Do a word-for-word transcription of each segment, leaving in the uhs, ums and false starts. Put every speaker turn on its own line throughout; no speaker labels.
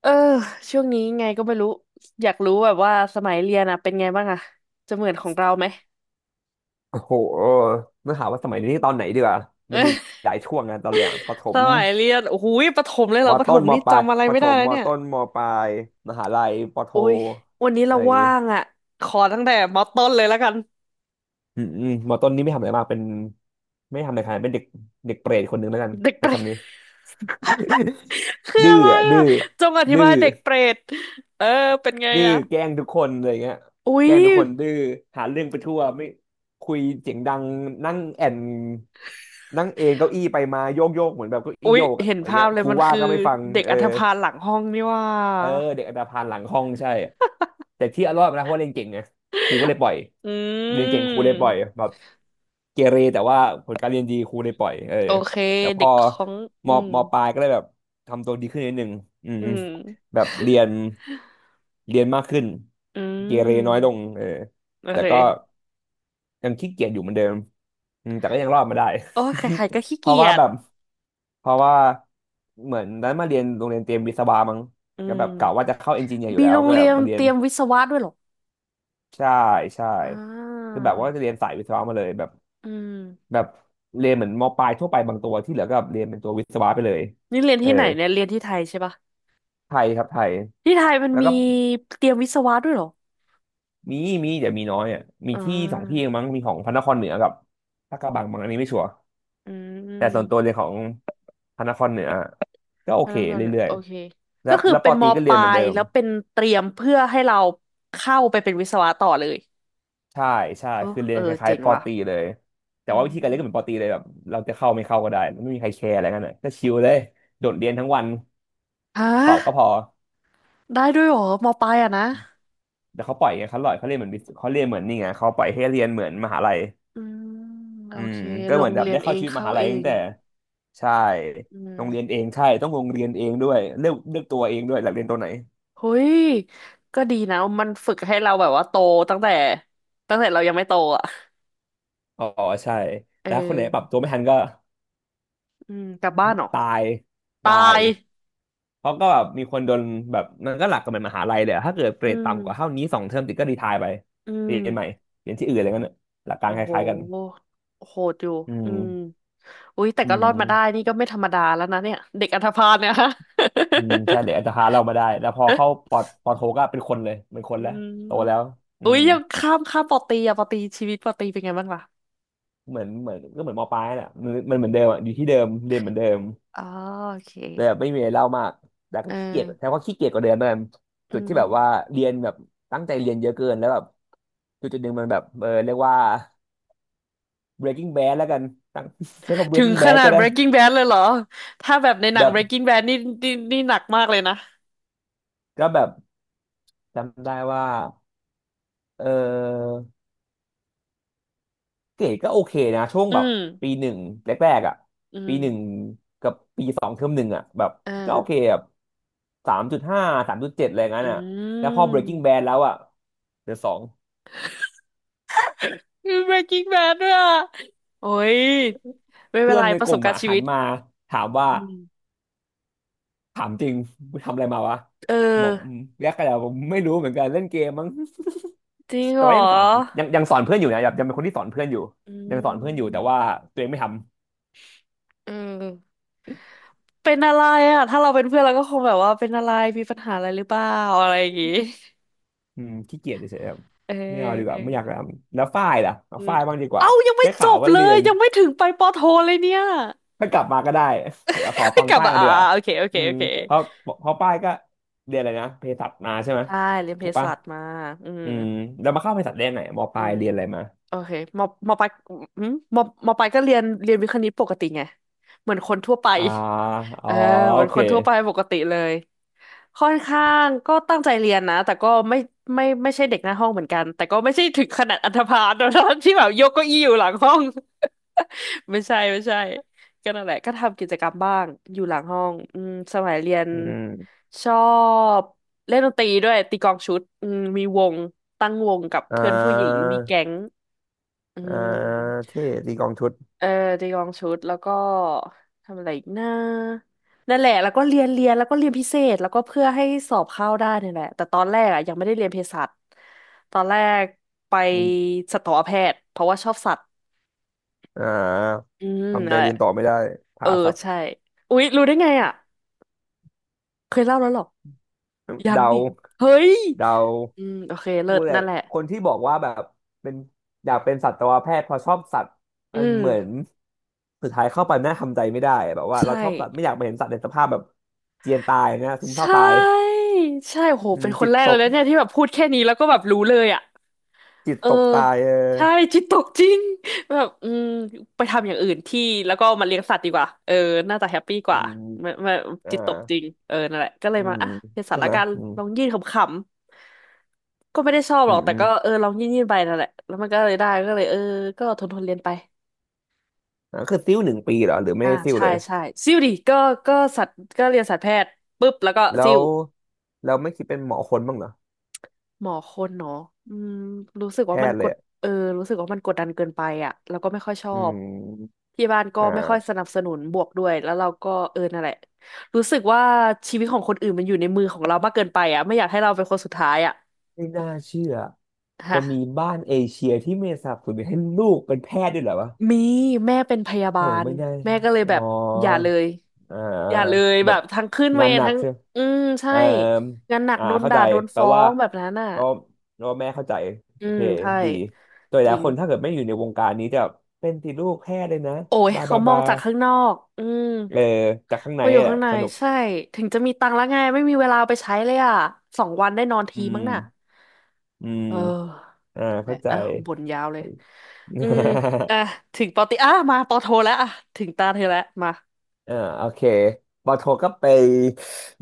เออช่วงนี้ไงก็ไม่รู้อยากรู้แบบว่าสมัยเรียนอะเป็นไงบ้างอะจะเหมือนของเราไหม
โอ้โหต้องถามว่าสมัยนี้ตอนไหนดีกว่ามันมีหลายช่วงนะตอนเรียนอะประถ
ส
ม
มัยเรียนโอ้โหประถมเลยเหร
ม
อประถ
ต้น
ม
ม
นี่
ปลาย
จำอะไร
ประ
ไม่
ถ
ได้
ม
แล้ว
ม
เนี่ย
ต้นมปลายมหาลัยปโท
โอ้ยวันนี้
อะ
เรา
ไรอย่างงี้
ว่างอะขอตั้งแต่มอต้นเลยแล้วกัน
อืมอืมมต้นนี่ไม่ทำอะไรมากเป็นไม่ทำอะไรขนาดนั้นเป็นเด็กเด็กเปรตคนหนึ่งแล้วกัน
เด็ก
ใช้
เปรต
คำนี้
คือ
ดื้
อะ
อ
ไร
อะดื้
อะ
อ
จงอธิ
ดื้
บา
อ
ยเด็กเปรตเออเป็นไง
ดื้อ
อะ
แกล้งทุกคนอะไรเงี้ย
อุ้
แก
ย
ล้งทุกคนดื้อหาเรื่องไปทั่วไม่คุยเสียงดังนั่งแอนนั่งเองเก้าอี้ไปมาโยกโยกเหมือนแบบเก้าอี้
อุ้ย
โยกอะ
เห็น
อะไร
ภา
เงี้
พ
ย
เล
ค
ย
รู
มัน
ว่า
คือ
ก็ไม่ฟัง
เด็ก
เออ
อันธพาลหลังห้องนี่ว่า
เออเด็กอันธพาลหลังห้องใช่แต่ที่เอารอดมานะเพราะว่าเรียนเก่งไงครูก็เลยปล่อย
อื
เรียนเก่งครูเล
ม
ยปล่อยแบบเกเรแต่ว่าผลการเรียนดีครูเลยปล่อยเออ
โอเค
แต่พ
เด็
อ
กของ
ม
อืม
มปลายก็เลยแบบทำตัวดีขึ้นนิดนึงอืม
อื
อืม
ม
แบบเรียน เรียนมากขึ้น
อื
เกเรน้อยล
ม
งเออ
โอ
แต่
เค
ก็ยังขี้เกียจอยู่เหมือนเดิมอืมแต่ก็ยังรอดมาได้
โอ้ยใครๆก็ขี้
เพ
เกี
ราะ
ย
ว่า
จ
แบบ เพราะว่าเหมือนนั้นมาเรียนโรงเรียนเตรียมวิศวะมั้ง
อื
ก็แบ
ม
บกะว่าจะเข้าเอนจิเนียร์อยู่
มี
แล้ว
โรง
ก็แบ
เรี
บ
ยน
มาเรีย
เต
น
รียมวิศวะด้วยเหรอ
ใช่ใช่
อ่า
คือแบบว่าจะเรียนสายวิศวะมาเลยแบบ
อืม
แบบเรียนเหมือนมปลายทั่วไปบางตัวที่เหลือก็เรียนเป็นตัววิศวะไปเลย
นี่เรียน
เออ
ที่ไหนเนี่ยเรียนที่ไทยใช่ปะ
ไทยครับไทย
ที่ไทยมัน
แล้ว
มี
ก็
เตรียมวิศวะด้วยเหรอ
มีมีแต่มีน้อยอ่ะมี
อ่
ที่สองที่เอ
า
งมั้งมีของพระนครเหนือกับลาดกระบังมั้งอันนี้ไม่ชัวร์
อื
แต่ส่วน
ม
ตัวเรียนของพระนครเหนือก็โอ
พ
เค
นักงาน
เรื่อย
โอเค
ๆแล้
ก็
ว
คือ
แล้วป
เป็
อ
น
ต
ม
รีก็
ป
เรียน
ลา
เหมือน
ย
เดิม
แล้วเป็นเตรียมเพื่อให้เราเข้าไปเป็นวิศวะต่อเลย
ใช่ใช่
เออ
คือเรี
เอ
ยน
อ
คล้า
เจ๋
ย
ง
ๆปอ
ว่ะ
ตรีเลยแต่
อื
ว่าวิธีการเรียนก็เหมือนปอ
ม
ตรีเลยแบบเราจะเข้าไม่เข้าก็ได้ไม่มีใครแคร์อะไรกันเลยก็ชิลเลยโดดเรียนทั้งวัน
ฮ
สอบก็พ
ะ
อ
ได้ด้วยเหรอมปลายอะนะ
แต่เขาปล่อยไงเขาปล่อยเขาเรียนเหมือนวิศเขาเรียนเหมือนนี่ไงเขาปล่อยให้เรียนเหมือนมหาลัย
อืมโอ
อืม
เค
ก็
ล
เหมือ
ง
นแบบ
เรีย
ได้
นเอ
เข้า
ง
ชีวิตม
เข้า
หาลั
เอ
ยตั้ง
ง
แต่ใช่
อื
โรงเรียน
ม
เองใช่ต้องโรงเรียนเองด้วยเลือกเลือกตัวเองด้วยอยากเรียนตัวไหน
เฮ้ยก็ดีนะมันฝึกให้เราแบบว่าโตตั้งแต่ตั้งแต่เรายังไม่โตอ่ะ
อ๋อใช่
เออ
แล้วคนไหนปรับตัวไม่ทันก็
อืมกลับบ้านเหรอ
ตาย
ตา
ตาย
ย
เพราะก็แบบมีคนโดนแบบมันก็หลักกับเหมือนมหาลัยเลยอะถ้าเกิดเกร
อื
ด
ม
ต่ำกว่าเท่านี้สองเทอมติดก็รีไทร์ไป
อื
เรี
ม
ยนใหม่เรียนที่อื่นอะไรเงี้ยน่ะหลักการ
โอ้
ค
โห
ล้ายๆกัน
โหดอยู่
อื
อื
ม
มอุ๊ยแต่
อื
ก็รอดมาได้
ม
นี่ก็ไม่ธรรมดาแล้วนะเนี่ยเด็กอันธพาลเนี่ยฮะ
อืมใช่เลยอาจจะรพาเรามาได้แล้วพอเข้าป อปอโทก็เป็นคนเลยเป็นคน
อื
แล้ว
ม
โตแล้วอื
อุ๊ย
ม
ยังข้ามข้ามปอตีอะปอตีชีวิตปอตีเป็นไงบ้างล่ะ
เหมือนเหมือนก็เหมือนมปลายแหละมันมันเหมือนเดิมอ่ะอยู่ที่เดิมเรียนเหมือนเดิม
อ๋อโอเค
แต่แบบไม่มีอะไรเล่ามากแต่ก็
เออ
ขี้เกียจแต่ว่าขี้เกียจกว่าเดิมนั่นจุ
อื
ดที่
ม
แบบว่าเรียนแบบตั้งใจเรียนเยอะเกินแล้วแบบจุดจุดหนึ่งมันแบบเออเรียกว่า breaking bad แล้วกันตั้ง ใช้คำ
ถึง
breaking
ข
bad
นา
ก็
ด
ได้
Breaking Bad เลยเหรอ ถ้าแบบในหนัง
แบบ
Breaking Bad นี่นี่นี่หนักมากเลยนะ
ก็แบบจำได้ว่าเออเกรดก็โอเคนะช่วง
อื
แบบ
ม
ปีหนึ่งแรกๆอ่ะ
อืม
ปีหนึ่งกับปีสองเทอมหนึ่งอ่ะแบบ
เอ
ก็โอเค
อ
แบบ สามจุดห้าสามจุดเจ็ดอะไรงั้
อื
นอ่ะแล้วพอ Breaking Bad
ม
แล้วอ่ะเหลือสอง
มี Breaking Bad ด้วยอ่ะโอ้ยไม่เป็
เพื่
น
อน
ไร
ใน
ป
ก
ระส
ลุ่
บ
ม
การ
อ่ะ
ณ์ชี
หั
วิ
น
ต
มาถามว่า
อืม
ถามจริงมึงทำอะไรมาวะ
เออ
บอกอืมแยกกันแล้วผมไม่รู้เหมือนกันเล่นเกมมั้ง
จริง
แต่
เหรอ
ว่ายังสอนยังยังสอนเพื่อนอยู่นะแบบยังเป็นคนที่สอนเพื่อนอยู่
อื
ยังสอนเพื่อนอยู่
ม
แต่ว่าตัวเองไม่ทำ
เออเป็นอะไรอ่ะ ถ้าเราเป็นเพื่อนเราก็คงแบบว่าเป็นอะไรมีปัญหาอะไรหรือเปล่าอะไรอย่างงี้
อืมขี้เกียจเฉยๆครับ
เออ
ไม่เอาดีก
เอ
ว่าไม่อยากท
อ
ำแล้วฝ้ายล่ะเอา
อืม
ฝ้ายบ้างดีกว่า
เอ้ายังไม่
ได้
จ
ข่าว
บ
ว่า
เล
เรีย
ย
น
ยังไม่ถึงไปปอโทเลยเนี่ย
ถ้ากลับมาก็ได้ ขอ
ค่อ
ฟั
ย
ง
กลับ
ป้าย
มา
มา
อ่า
เดือ
โอเคโอเค
อืม
โอเค
เพราะเพราะป้ายก็เรียนอะไรนะเภสัชมาใช่ไหม
ใช่เรียนเภ
ถูกปะ
สัชมาอืม
อืมแล้วมาเข้าเภสัชได้ไหนมป
อื
ลาย
ม
เรียนอะไรมา
โอเคมอมอปลายอืมมอมอปลายก็เรียนเรียนวิทย์คณิตปกติไงเหมือนคนทั่วไป
อ่าอ๋
เอ
อ
อเหมื
โอ
อน
เค
คนทั่วไปปกติเลยค่อนข้างก็ตั้งใจเรียนนะแต่ก็ไม่ไม่ไม่ใช่เด็กหน้าห้องเหมือนกันแต่ก็ไม่ใช่ถึงขนาดอันธพาลนะที่แบบยกเก้าอี้อยู่หลังห้อง ไม่ใช่ไม่ใช่ก็นั่นแหละก็ทำกิจกรรมบ้างอยู่หลังห้องอืมสมัยเรียน
อืม
ชอบเล่นดนตรีด้วยตีกลองชุดอืมมีวงตั้งวงกับ
อ่
เพื่อนผู้หญิง
า
มีแก๊ง อื
อ่า
ม
เท่ตีกลองชุด
เออจียองชุดแล้วก็ทำอะไรอีกนะนั่นแหละแล้วก็เรียนเรียนแล้วก็เรียนพิเศษแล้วก็เพื่อให้สอบเข้าได้เนี่ยแหละแต่ตอนแรกอ่ะยังไม่ได้เรียนเภสัชตอนแรกไป
อืม
สัตวแพทย์เพราะว่าชอบสัตว์
อ่า
อืม
ทำใจ
นั่นแห
เรี
ละ
ยนต่อไม่ได้
เอ
ผ่า
อ
สับ
ใช่อุ๊ยรู้ได้ไงอ่ะเคยเล่าแล้วเหรอยัง
เดา
นี่เฮ้ย
เดา
อืมโอเคเลิ
พู
ศ
ดเลย
นั่นแหละ
คนที่บอกว่าแบบเป็นอยากเป็นสัตวแพทย์เพราะชอบสัตว์
อื
มัน
ม
เหมือน สุดท้ายเข้าไปแม่ทำใจไม่ได้แบบว่าเรา
ใช่
ชอบสัตว์ไม่อยากไปเห็นสัตว์ในสภาพแบบเจียนตายนะซึมเศ
ใช
ร้าตาย
่ใช่โห
อืม
เป็นค
จิ
น
ต
แรก
ต
เลย
ก
นะเนี่ยที่แบบพูดแค่นี้แล้วก็แบบรู้เลยอ่ะ
จิต
เออ
ตกตายเออ
ใช่จิตตกจริงแบบอืมไปทำอย่างอื่นที่แล้วก็มาเลี้ยงสัตว์ดีกว่าเออน่าจะแฮปปี้ก
อื
ว่า
ม
ไม่ไม่
อ่า
จิตตกจริงเออนั่นแหละก็เล
อื
ยมา
ม
อ่ะเป็นสั
ใช่
ตว์ละ
ไหม
กัน
อืม
ลองยื่นขำๆก็ไม่ได้ชอบห
อื
รอ
ม
กแต่
อืม
ก็เออลองยื่นยื่นไปนั่นแหละแล้วมันก็เลยได้ก็เลยเออก็ทนทนเรียนไป
อ่าคือซิ้วหนึ่งปีเหรอหรือไม่
อ่า
ได้ซิ้ว
ใช่
เลย
ใช่ซิ่วดิก็ก็สัตว์ก็เรียนสัตวแพทย์ปุ๊บแล้วก็
แล้
ซิ่ว
วเราไม่คิดเป็นหมอคนบ้างเหรอ
หมอคนเนาะอืมรู้สึก
แพ
ว่ามัน
ทย์เล
ก
ย
ด
อะ
เออรู้สึกว่ามันกดดันเกินไปอ่ะแล้วก็ไม่ค่อยชอ
อื
บ
ม
ที่บ้านก็
อ
ไม่ค่อยส
่า
นับสนุนบวกด้วย แล้วเราก็เออนั่นแหละรู้สึกว่าชีวิตของคนอื่นมันอยู่ในมือของเรามากเกินไปอ่ะไม่อยากให้เราเป็นคนสุดท้ายอ่ะ
ไม่น่าเชื่อจะ
ฮะ
มีบ้านเอเชียที่ไม่สนับสนุนให้ลูกเป็นแพทย์ด้วยเหรอวะ
มีแม่เป็นพยา
โห
บาล
ไม่น่า
แม่ก็เลยแบ
อ๋อ
บอย่าเลย
อ่า
อย่าเลย
แบ
แบ
บ
บทั้งขึ้นเว
งาน
ร
หนัก
ทั้ง
ใช่ไหม
อืมใช่
เอ่อ
งานหนัก
อ่า
โดน
เข้า
ด่า
ใจ
โดน
แปล
ฟ้อ
ว่า
งแบบนั้นอ่ะ
ก็ก็แม่เข้าใจ
อื
โอเค
มใช่
ดีโดยห
จ
ลาย
ริง
คนถ้าเกิดไม่อยู่ในวงการนี้จะเป็นติดลูกแพ้เลยนะ
โอ้ย
บา
เขา
บา
มอ
บา
งจากข้างนอกอืม
เออจากข้าง
พ
ใน
ออยู่
แห
ข้า
ละ
งใน
สนุก
ใช่ถึงจะมีตังค์แล้วไงไม่มีเวลาไปใช้เลยอ่ะสองวันได้นอน
อื
ที
ม
มั้งน่ะ
อืม
เออ
อ่า
นั่นแห
เข้า
ละ
ใจ
อ่ะบ่นยาวเลยอืมอ่ะ ถึงปอตีอ่ะมาปอโทแล้วอ่ะถึงตาเธอแล้วมา
อ่าโอเคปอโทก็ไป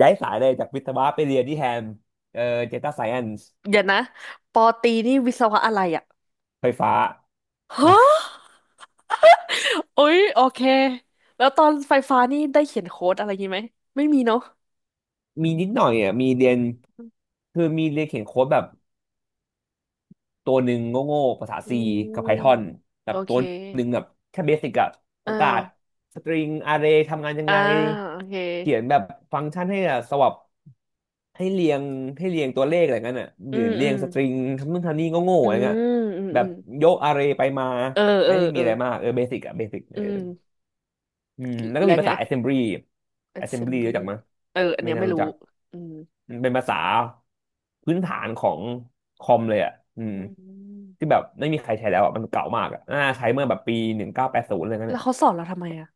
ย้ายสายเลยจากวิศวะไปเรียนที่แฮมเออเดต้าไซเอนซ์
เดี๋ยวนะปอตีนี่วิศวะอะไรอ่ะ
ไฟฟ้า
ฮะ โอ้ยโอเคแล้วตอนไฟฟ้านี่ได้เขียนโค้ดอะไรงี้ไหมไม่มีเนาะ
มีนิดหน่อยอ่ะมีเรี
อื
ยน
ม
คือมีเรียนเขียนโค้ดแบบตัวหนึ่งโง่ๆภาษา
อื
C กับ
ม
Python แบ
โอ
บตั
เค
วหนึ่งแบบแค่เบสิกอะป
เออ
ระกาศสตริงอาร์เรย์ทำงานยัง
อ่า
ไง
โอเค
เขียนแบบฟังก์ชันให้อะสวับให้เรียงให้เรียงตัวเลขอะไรเงี้ยน่ะห
อื
รือ
ม
เรี
อื
ยง
ม
สตริงทำนู่นทำนี่โง่ๆ
อื
อะไรเงี้ย
มอืม
แบ
อื
บ
ม
ยกอาร์เรย์ไปมา
เออเอ
ไม่
อ
ได้มี
เออ
อะไรมากเออเบสิกอะเบสิก
อืม
อืมแล้วก็
แล้
มี
ว
ภา
ไง
ษา assembly assembly รู้
assembly
จักมั้ย
เอออัน
ไม่
เนี้ย
น่า
ไม่
รู้จั
รู้
ก
อืม
มันเป็นภาษาพื้นฐานของคอมเลยอ่ะอืม
อื
ที่
ม
แบบไม่มีใครใช้แล้วอ่ะ มันเก่ามากอ่ะน่าใช้เมื่อแบบปีหนึ่งเก้าแปดศูนย์อะไรเงี้ย
แล้ว
เนี่ย
เขาสอนเราทำไมอ่ะ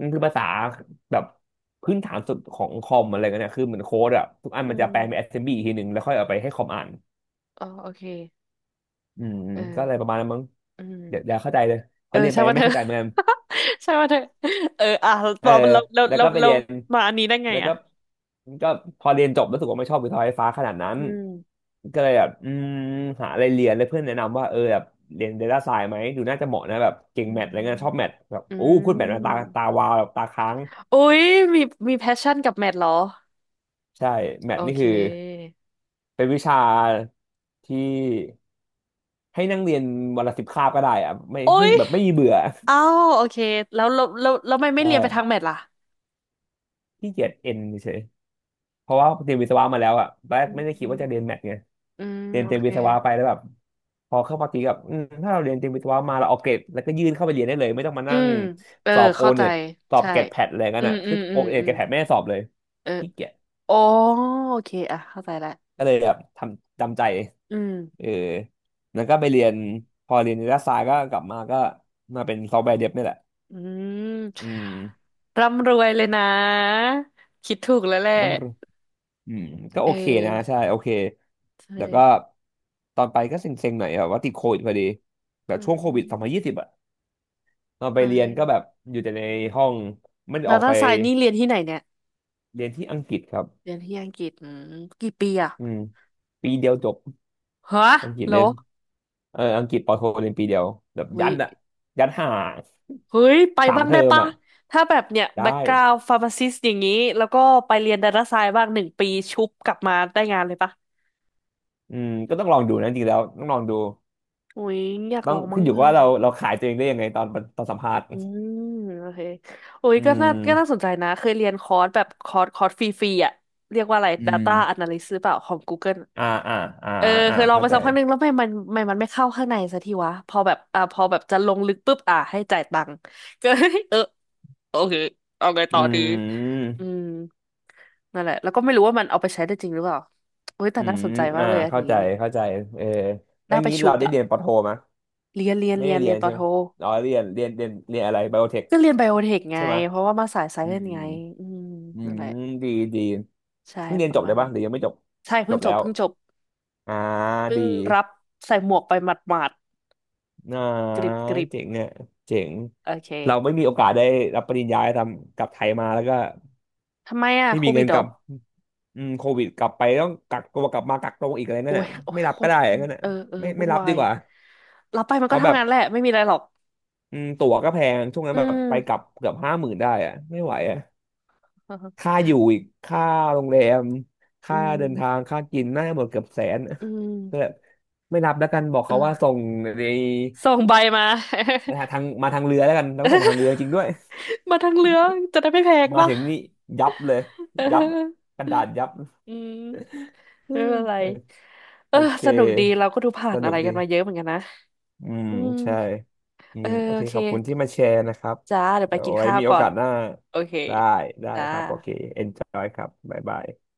มันคือภาษาแบบพื้นฐานสุดของคอมอะไรเงี้ยเนี่ยคือเหมือนโค้ดอ่ะ ทุกอัน
อื
มันจะแปลเป็น
ม
assembly อีกทีหนึ่งแล้วค่อยเอาไปให้คอมอ่าน
อ๋อโอเค
อืม
เอ
ก็อะ
อ
ไรประมาณนั้นมั้ง
อื
เดี๋ยวเดี๋ยว
ม
เข้าใจเลยพ
เอ
อ
อ
เรียนไป
ใช่
ยั
ว่า
งไม่
เธอ
เข้าใจเหมือนกัน
ใช่ ว่าเธอเอออ่ะเ
เออ
ราเราเรา
แล้ว
เรา
ก็ไป
เรา
เรียน
มาอันนี้ได้ไง
แล้วก็
อ่ะ
ก็พอเรียนจบรู้สึกว่าไม่ชอบวิทยาไฟฟ้าขนาดนั้น
อืม
ก็เลยแบบอืมหาอะไรเรียนแล้วเพื่อนแนะนำว่าเออแบบเรียน Data Science ไหม ดูน่าจะเหมาะนะแบบเก่
อื
งแมทอะไรเงี้ยชอบแม
ม
ทแบบ
อื
อู้พูดแมทมาตา
ม
ตาวาวแบบตาค้าง
อุ๊ยมีมีแพชชั่นกับแมทเหรอ
ใช่แม
โอ
ทนี่
เค
คือเป็นวิชาที่ให้นั่งเรียนวันละสิบคาบก็ได้อะไม่
โอ๊
ไม่
ย
แบบไม่มีเบื่อ
อ้าวโอเคแล้วแล้วแล้วแล้วทำไม ไม่
ใช่
เรียนไปทางแมทล่ะ
ขี้เกียจเอ็นเฉย เพราะว่าเรียนวิศวะมาแล้วอ่ะตอนแร
อื
กไม่ได้คิดว่า
ม
จะเรียนแมทไง
อืม
เรียน
โอ
เตรียม
เค
วิศวะไปแล้วแบบพอเข้ามาตีกับอืมถ้าเราเรียนเตรียมวิศวะมาเราเอาเกรดแล้วก็ยื่นเข้าไปเรียนได้เลยไม่ต้องมา
อื
นั่ง
มเออ
สอบโอ
เข้าใจ
เน็ตสอบ
ใช่
เกรดแพดอะไรกั
อื
น
ม
อ่ะ
อื
ซึ่ง
มอื
โอ
ม
เน็ต
อื
เก
ม
รดแพดไม่ได้สอบเลย
เออ
ขี้เกียจ
อ๋อโอเคอ่ะเข้าใจละ
ก็เลยแบบทำจำใจ
อืม
เออแล้วก็ไปเรียนพอเรียนรัฐศาสตก็กลับมาก็มาเป็นซอฟต์แวร์เดฟนี่แหละ
อืม
อืม
ร่ำรวยเลยนะคิดถูกแล้วแหละ
น้ำรอืมก็
เอ
โอ
อ
เคนะใช่โอเค
ใช่
แล้วก็ตอนไปก็เซ็งๆหน่อยแบบว่าติดโควิดพอดีแบบ
อื
ช่วงโควิดสองพันยี่
ม
สิบอะ ตอนไป
ใช่
เรียนก็แบบอยู่แต่ในห้องไม่ได้
แล้
อ
ว
อกไป
ถ้าสายนี่เรียนที่ไหนเนี่ย
เรียนที่อังกฤษครับ
เรียนที่อังกฤษอืมกี่ปีอะ
อืมปีเดียวจบ
ฮะ
อังกฤษ
เหร
เรีย
อ
นเอออังกฤษปอโทเรียนปีเดียวแบบ
อุ้
ยั
ย
ดอะยัดห่า
เฮ้ยไป
สาม
บ้าง
เทอ
ได้
ม
ปะ
อะ
ถ้าแบบเนี่ยแบ็ก
ได้
กราวด์ฟาร์มาซิสอย่างนี้แล้วก็ไปเรียนดาต้าไซน์บ้างหนึ่งปีชุบกลับมาได้งานเลยปะ
อืมก็ต้องลองดูนะจริงๆแล้วต้องลองดู
อุ้ยอยาก
ต้อ
ล
ง
องบ้า
ขึ้น
ง
อยู่กั
อะ
บว่าเราเราขายตัวเองได้ยังไงตอนตอนสัมภาษณ์
อืมโอเคอุ้ย
อื
ก็น่าก็น่าสน
ม
ใจนะเคยเรียนคอร์สแบบคอร์สคอร์สฟรีๆอ่ะเรียกว่าอะไร
อืม
Data Analyst หรือเปล่าของ Google อะ
อ่าอ่าอ่า
เออ
อ่า
เคยลอง
เข้า
ไป
ใจ
สักพักหนึ่งแล้วไม่มันไม่มันไม่เข้าข้างในสักทีวะพอแบบอ่าพอแบบจะลงลึกปุ๊บอ่าให้จ่ายตังค์ก็ เออโอเคเอาไง
อื
ต่อดี
ม
อืมนั่นแหละแล้วก็ไม่รู้ว่ามันเอาไปใช้ได้จริงหรือเปล่าเฮ้ยแต่
อื
น่า
ม
สนใจมา
อ่า
กเลยอัน
เข้า
นี้
ใจเข้าใจเออแล้ว
น่าไป
งี้
ชุ
เรา
บ
ได้
อะ
เรียนปอโทไหม
เรียนเรียน
ไม่
เรี
ได้
ยน
เรี
เรี
ย
ย
น
นปอ
ใช่ไหม
โท
อ๋อเรียนเรียนเรียนเรียนอะไรไบโอเทค
ก็เรียนไบโอเทคไง
ใช่ไหม
เพราะว่ามาสายไซ
อื
เอน
ม
ไงอืม
อื
นั่นแหละ
มดีดี
ใช่
เพิ่งเรีย
ป
นจ
ระ
บ
มา
เล
ณ
ย
นี้
ปะหรือยังไม่จบ
ใช่
จ
เพิ่ง
บ
จ
แล้
บ
ว
เพิ่งจบ
อ่า
เพิ่ง
ดี
รับใส่หมวกไปหมาด
อ่า
ๆกริบกริบ
เจ๋งเนี่ยเจ๋ง
โอเค
เราไม่มีโอกาสได้รับปริญญาทำกลับไทยมาแล้วก็
ทำไมอะ
ไม่
โค
มี
วิ
เงิ
ด
น
เห
ก
รอ
ลับอืมโควิดกลับไปต้องกักตัวกลับมากักตัวอีกอะไรนั่
โอ้
น
ย
น่ะ
โอ้
ไม่
ย
รั
โค
บก็
ตร
ได้
อืม
งั้นน่ะ
เออเออ
ไม่ไม่
วุ่น
รับ
วา
ดี
ย
กว่า
รับไปมัน
เพ
ก็
ราะแบ
ทำ
บ
งานแหละไม่มีอะไรหรอก
อืมตั๋วก็แพงช่วงนั้น
อื
แบบ
ม
ไปกลับเกือบห้าหมื่นได้อะไม่ไหวอะ ค่าอยู่อีกค่าโรงแรม
อื
ค่าเดินทาง
ม
ค่ากินน่าจะหมดเกือบแสน
อื
แบบ
ม
ไม่รับแล้วกันบอกเขาว่าส่
เออ
งใน
ส่งใบมา
มาทางมาทางเรือแล้วกันแล้วก็ส่งมาทางเรือจริงด้วย
มาทั้งเรืองจะได้ไม่แพง
มา
ป่ะ
ถึงนี่ยับเลย
เอ
ยับ
อ
กระดาษยับ
อืมไม่
อื
เป็นไร
ม
เอ
โอ
อ
เค
สนุกดีเราก็ดูผ่า
ส
นอะ
นุก
ไรกัน
ดี
มาเยอะเหมือนกันนะ
อืม
อืม
ใช่อื
เอ
ม
อ
โอ
โอ
เค
เค
ขอบคุณที่มาแชร์นะครับ
จ้าเดี๋ยวไป
เดี๋ยว
กิน
ไว้
ข้าว
มีโอ
ก่อ
กา
น
สหน้า
โอเค
ได้ได้
จ้า
ครับโอเค enjoy ครับบ๊ายบาย